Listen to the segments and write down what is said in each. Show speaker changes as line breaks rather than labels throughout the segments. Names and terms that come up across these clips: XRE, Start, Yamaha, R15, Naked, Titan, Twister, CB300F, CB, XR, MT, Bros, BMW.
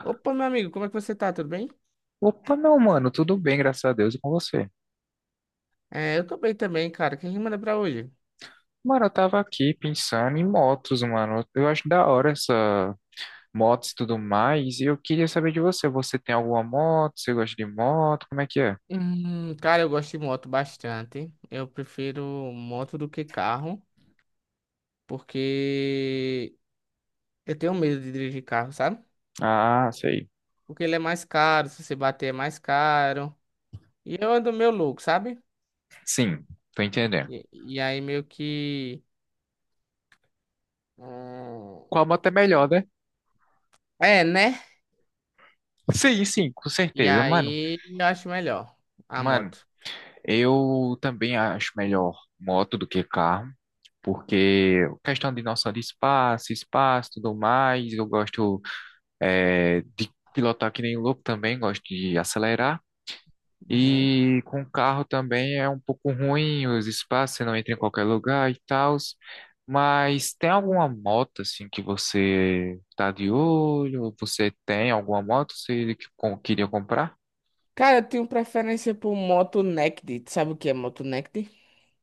Opa, meu amigo, como é que você tá? Tudo bem?
Opa, meu mano, tudo bem, graças a Deus, e com você?
É, eu tô bem também, cara. O que a gente manda pra hoje?
Mano, eu tava aqui pensando em motos, mano. Eu acho da hora essa motos e tudo mais. E eu queria saber de você. Você tem alguma moto? Você gosta de moto? Como é que é?
Cara, eu gosto de moto bastante. Eu prefiro moto do que carro, porque eu tenho medo de dirigir carro, sabe?
Ah, sei.
Porque ele é mais caro, se você bater é mais caro. E eu ando meio louco, sabe?
Sim, tô entendendo.
E aí meio que. Hum,
Qual moto é melhor, né?
é, né?
Sim, sim, com
E
certeza, mano.
aí eu acho melhor a
Mano,
moto.
eu também acho melhor moto do que carro, porque questão de noção de espaço, espaço, tudo mais. Eu gosto de pilotar que nem louco também, gosto de acelerar.
Uhum.
E com o carro também é um pouco ruim os espaços, você não entra em qualquer lugar e tal. Mas tem alguma moto assim que você tá de olho? Ou você tem alguma moto que você que queria comprar?
Cara, eu tenho preferência por moto naked. Sabe o que é moto naked?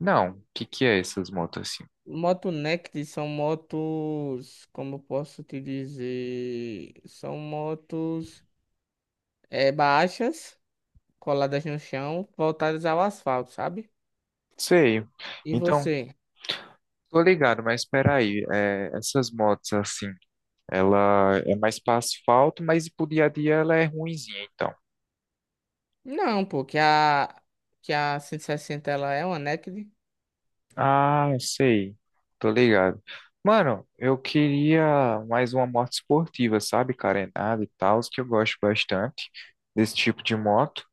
Não, o que que é essas motos assim?
Moto Naked são motos, como eu posso te dizer, são motos baixas, coladas no chão, voltadas ao asfalto, sabe?
Sei.
E
Então,
você?
tô ligado, mas espera aí, essas motos assim, ela é mais para asfalto, mas pro dia a dia ela é ruinzinha, então.
Não, pô, que a 160 ela é uma Naked.
Ah, sei. Tô ligado. Mano, eu queria mais uma moto esportiva, sabe? Carenada e tal, que eu gosto bastante desse tipo de moto.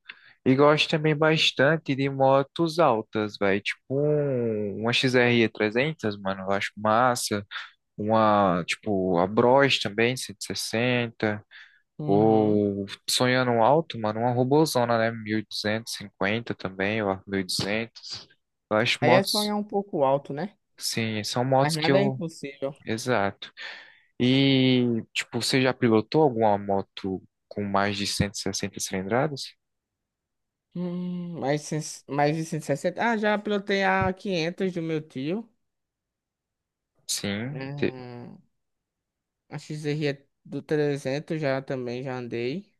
E gosto também bastante de motos altas, velho. Uma X r 300, mano, eu acho massa. Uma, tipo, a Bros também, 160.
Uhum.
Ou sonhando alto, mano, uma robozona, né? 1.250 também, ou 1.200. Eu acho
Aí é
motos.
sonhar um pouco alto, né?
Sim, são
Mas
motos que
nada é
eu.
impossível.
Exato. E, tipo, você já pilotou alguma moto com mais de 160 cilindradas?
Hum, mais, cem- mais de 160. Ah, já pilotei a 500 do meu tio.
Sim.
Hum, a XR é do 300 já também, já andei.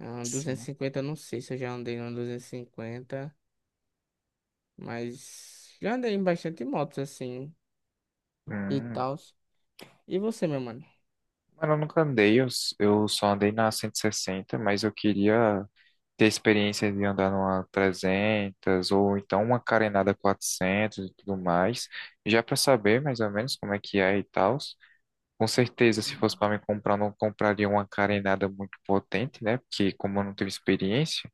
Ah,
Sim.
250, eu não sei se eu já andei no 250, mas já andei em bastante motos assim e
Hum,
tal. E você, meu mano?
mas eu nunca andei, eu só andei na 160, mas eu queria ter experiência de andar numa 300 ou então uma carenada 400 e tudo mais, já para saber mais ou menos como é que é e tal. Com certeza, se fosse
Hum.
para me comprar, eu não compraria uma carenada muito potente, né? Porque como eu não tive experiência,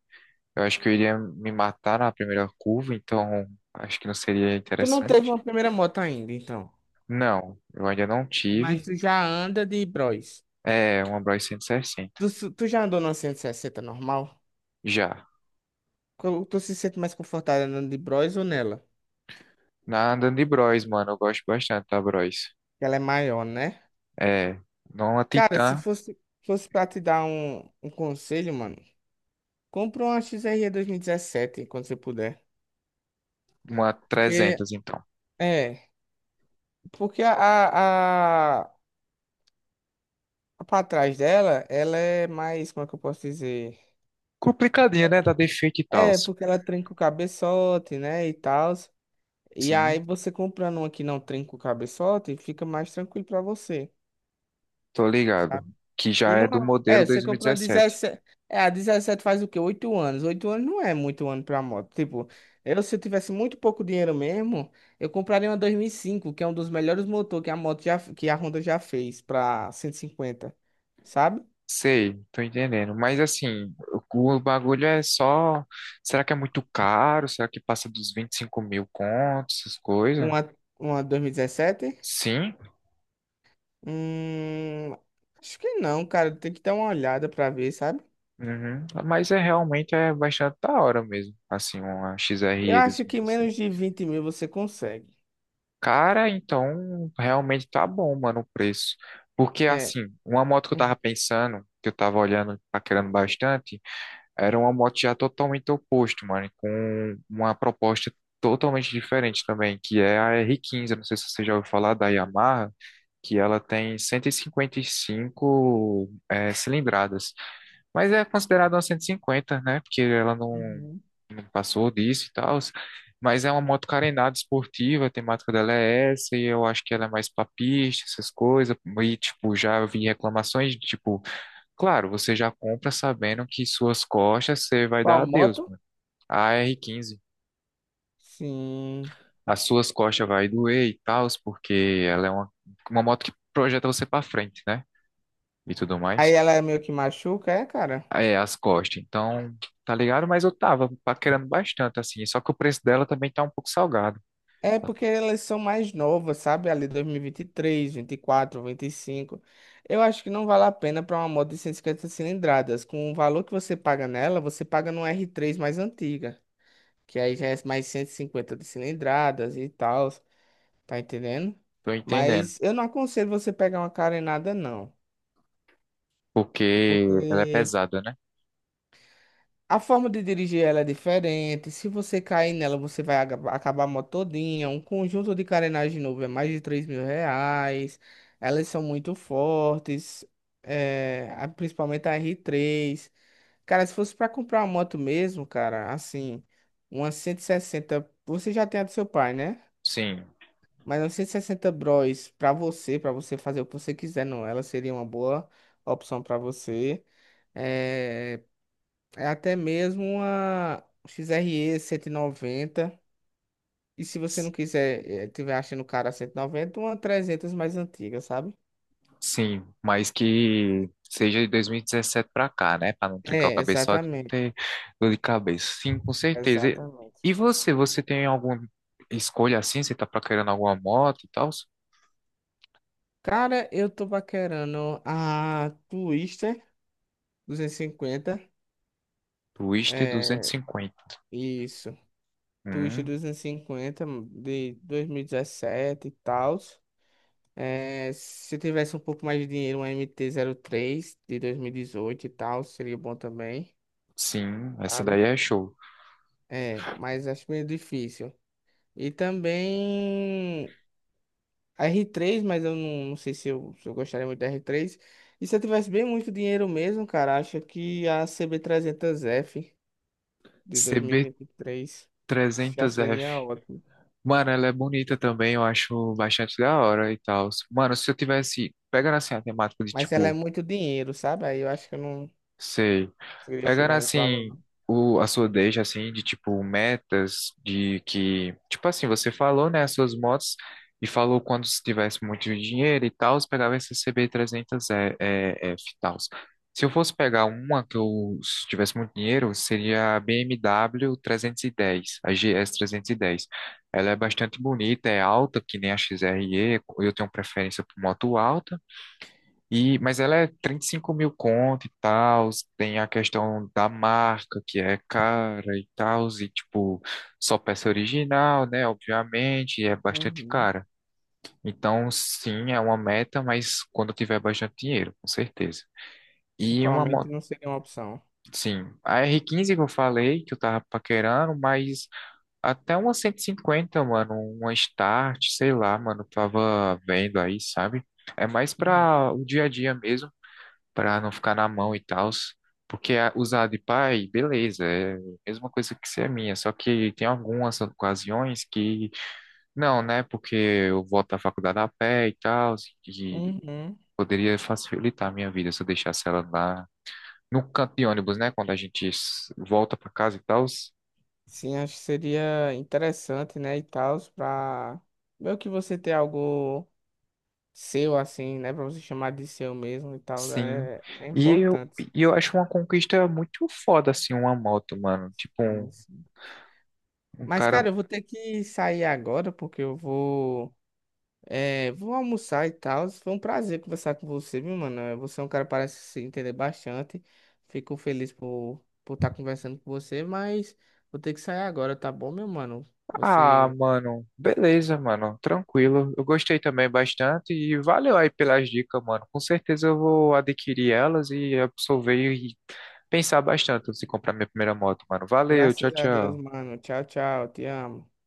eu acho que eu iria me matar na primeira curva, então acho que não seria
Tu não teve
interessante.
uma primeira moto ainda, então.
Não, eu ainda não
Mas
tive.
tu já anda de Bros.
É, uma Bros 160.
Tu já andou numa 160 normal?
Já.
Tu se sente mais confortável andando de Bros ou nela?
Na andando de Bros, mano, eu gosto bastante da Bros.
Que ela é maior, né?
É, não uma
Cara, se
Titan,
fosse, fosse pra te dar um conselho, mano, compra uma XR e 2017 quando você puder.
uma
Porque,
300, então.
é. Porque a pra trás dela, ela é mais, como é que eu posso dizer?
Complicadinha, né? Da defeito e tal.
É, porque ela trinca o cabeçote, né, e tal. E
Sim,
aí você comprando uma que não trinca o cabeçote, fica mais tranquilo pra você,
tô ligado.
sabe?
Que
E
já
não
é do
é,
modelo
é, você comprou a
2017.
17, é, a 17 faz o quê? Oito anos. Oito anos não é muito ano pra moto. Tipo, eu se eu tivesse muito pouco dinheiro mesmo, eu compraria uma 2005 que é um dos melhores motores que a moto já, que a Honda já fez pra 150, sabe?
Sei, tô entendendo. Mas assim, o bagulho é só. Será que é muito caro? Será que passa dos 25 mil contos, essas coisas?
Uma, uma 2017?
Sim.
Hum, acho que não, cara. Tem que dar uma olhada pra ver, sabe?
Uhum. Mas é realmente é bastante da hora mesmo. Assim, uma X R
Eu
E dois mil e
acho que menos
2017.
de 20 mil você consegue.
Cara, então realmente tá bom, mano, o preço. Porque
É.
assim, uma moto que eu tava pensando, que eu tava olhando, paquerando bastante. Era uma moto já totalmente oposto, mano, com uma proposta totalmente diferente também, que é a R15. Eu não sei se você já ouviu falar da Yamaha, que ela tem 155 cilindradas, mas é considerada uma 150, né, porque ela não,
Uhum.
não passou disso e tal, mas é uma moto carenada esportiva, a temática dela é essa, e eu acho que ela é mais pra pista, essas coisas, e, tipo, já vi reclamações, de, tipo, claro, você já compra sabendo que suas costas você vai dar
Qual
adeus,
moto?
mano. A R15,
Sim.
as suas costas vai doer e tal, porque ela é uma moto que projeta você pra frente, né? E tudo
Aí
mais.
ela é meio que machuca, é, cara?
É, as costas. Então, tá ligado? Mas eu tava paquerando bastante, assim. Só que o preço dela também tá um pouco salgado.
É porque elas são mais novas, sabe? Ali dois mil e vinte três, quatro, vinte e cinco. Eu acho que não vale a pena para uma moto de 150 cilindradas. Com o valor que você paga nela, você paga num R3 mais antiga. Que aí já é mais 150 de cilindradas e tal, tá entendendo?
Tô entendendo.
Mas eu não aconselho você pegar uma carenada, não.
Porque ela é
Porque
pesada, né?
a forma de dirigir ela é diferente. Se você cair nela, você vai acabar a moto todinha. Um conjunto de carenagem novo é mais de 3 mil reais. Elas são muito fortes. É, principalmente a R3. Cara, se fosse pra comprar uma moto mesmo, cara, assim, uma 160, você já tem a do seu pai, né?
Sim.
Mas 960 bros pra você, fazer o que você quiser, não. Ela seria uma boa opção pra você. É, é até mesmo uma XRE 190. E 190. E se você não quiser, tiver achando cara 190, uma 300 mais antiga, sabe?
Sim, mas que seja de 2017 para cá, né? Para não trincar o
É,
cabeçote, não
exatamente.
ter dor de cabeça. Sim, com certeza. E
Exatamente.
e você tem alguma escolha assim? Você tá procurando alguma moto e tal?
Cara, eu tô paquerando a Twister 250.
Twister
É,
250.
isso. Twister
Hum,
250 de 2017 e dezessete e tal. É, se eu tivesse um pouco mais de dinheiro, um MT3 de 2018 e tal, seria bom também,
sim, essa daí
sabe?
é show.
É, mas acho meio difícil. E também a R3, mas eu não sei se eu gostaria muito da R3. E se eu tivesse bem muito dinheiro mesmo, cara, acho que a CB300F de dois mil e vinte e três já
CB300F.
seria ótimo.
Mano, ela é bonita também, eu acho bastante da hora e tal. Mano, se eu tivesse, pegando assim a temática de
Mas ela é
tipo,
muito dinheiro, sabe? Aí eu acho que eu não
sei.
conseguiria
Pegando
chegar nesse valor,
assim
não.
o, a sua deixa assim de tipo metas de que tipo assim você falou né as suas motos e falou quando se tivesse muito dinheiro e tal, você pegava esse CB300 F e tal. Se eu fosse pegar uma que eu se tivesse muito dinheiro, seria a BMW 310, a GS 310. Ela é bastante bonita, é alta, que nem a XRE, eu tenho preferência por moto alta. E, mas ela é 35 mil conto e tal, tem a questão da marca que é cara e tal, e tipo, só peça original, né? Obviamente, e é bastante
Uhum.
cara. Então, sim, é uma meta, mas quando eu tiver bastante dinheiro, com certeza. E uma
Atualmente
moto,
não seria uma opção.
sim, a R15 que eu falei, que eu tava paquerando, mas até uma 150 mano, uma Start, sei lá, mano, eu tava vendo aí, sabe? É mais
Uhum.
pra o dia a dia mesmo para não ficar na mão e tal. Porque usar de pai, beleza, é a mesma coisa que ser minha, só que tem algumas ocasiões que não, né? Porque eu volto à faculdade a pé e tal, e
Uhum.
poderia facilitar a minha vida se eu deixasse ela lá no canto de ônibus, né? Quando a gente volta para casa e tal.
Sim, acho que seria interessante, né, e tal, pra meio que você ter algo seu, assim, né, pra você chamar de seu mesmo e tal,
Sim.
é
E eu,
importante.
e eu acho uma conquista muito foda, assim, uma moto, mano. Tipo, um,
Sim, sim.
um
Mas,
cara.
cara, eu vou ter que sair agora, porque eu vou, vou almoçar e tal. Foi um prazer conversar com você, viu, mano? É, você é um cara que parece se entender bastante. Fico feliz por estar conversando com você, mas vou ter que sair agora, tá bom, meu mano?
Ah,
Você.
mano, beleza, mano, tranquilo. Eu gostei também bastante e valeu aí pelas dicas, mano. Com certeza eu vou adquirir elas e absorver e pensar bastante antes de comprar minha primeira moto, mano. Valeu, tchau,
Graças a Deus,
tchau.
mano. Tchau, tchau. Te amo.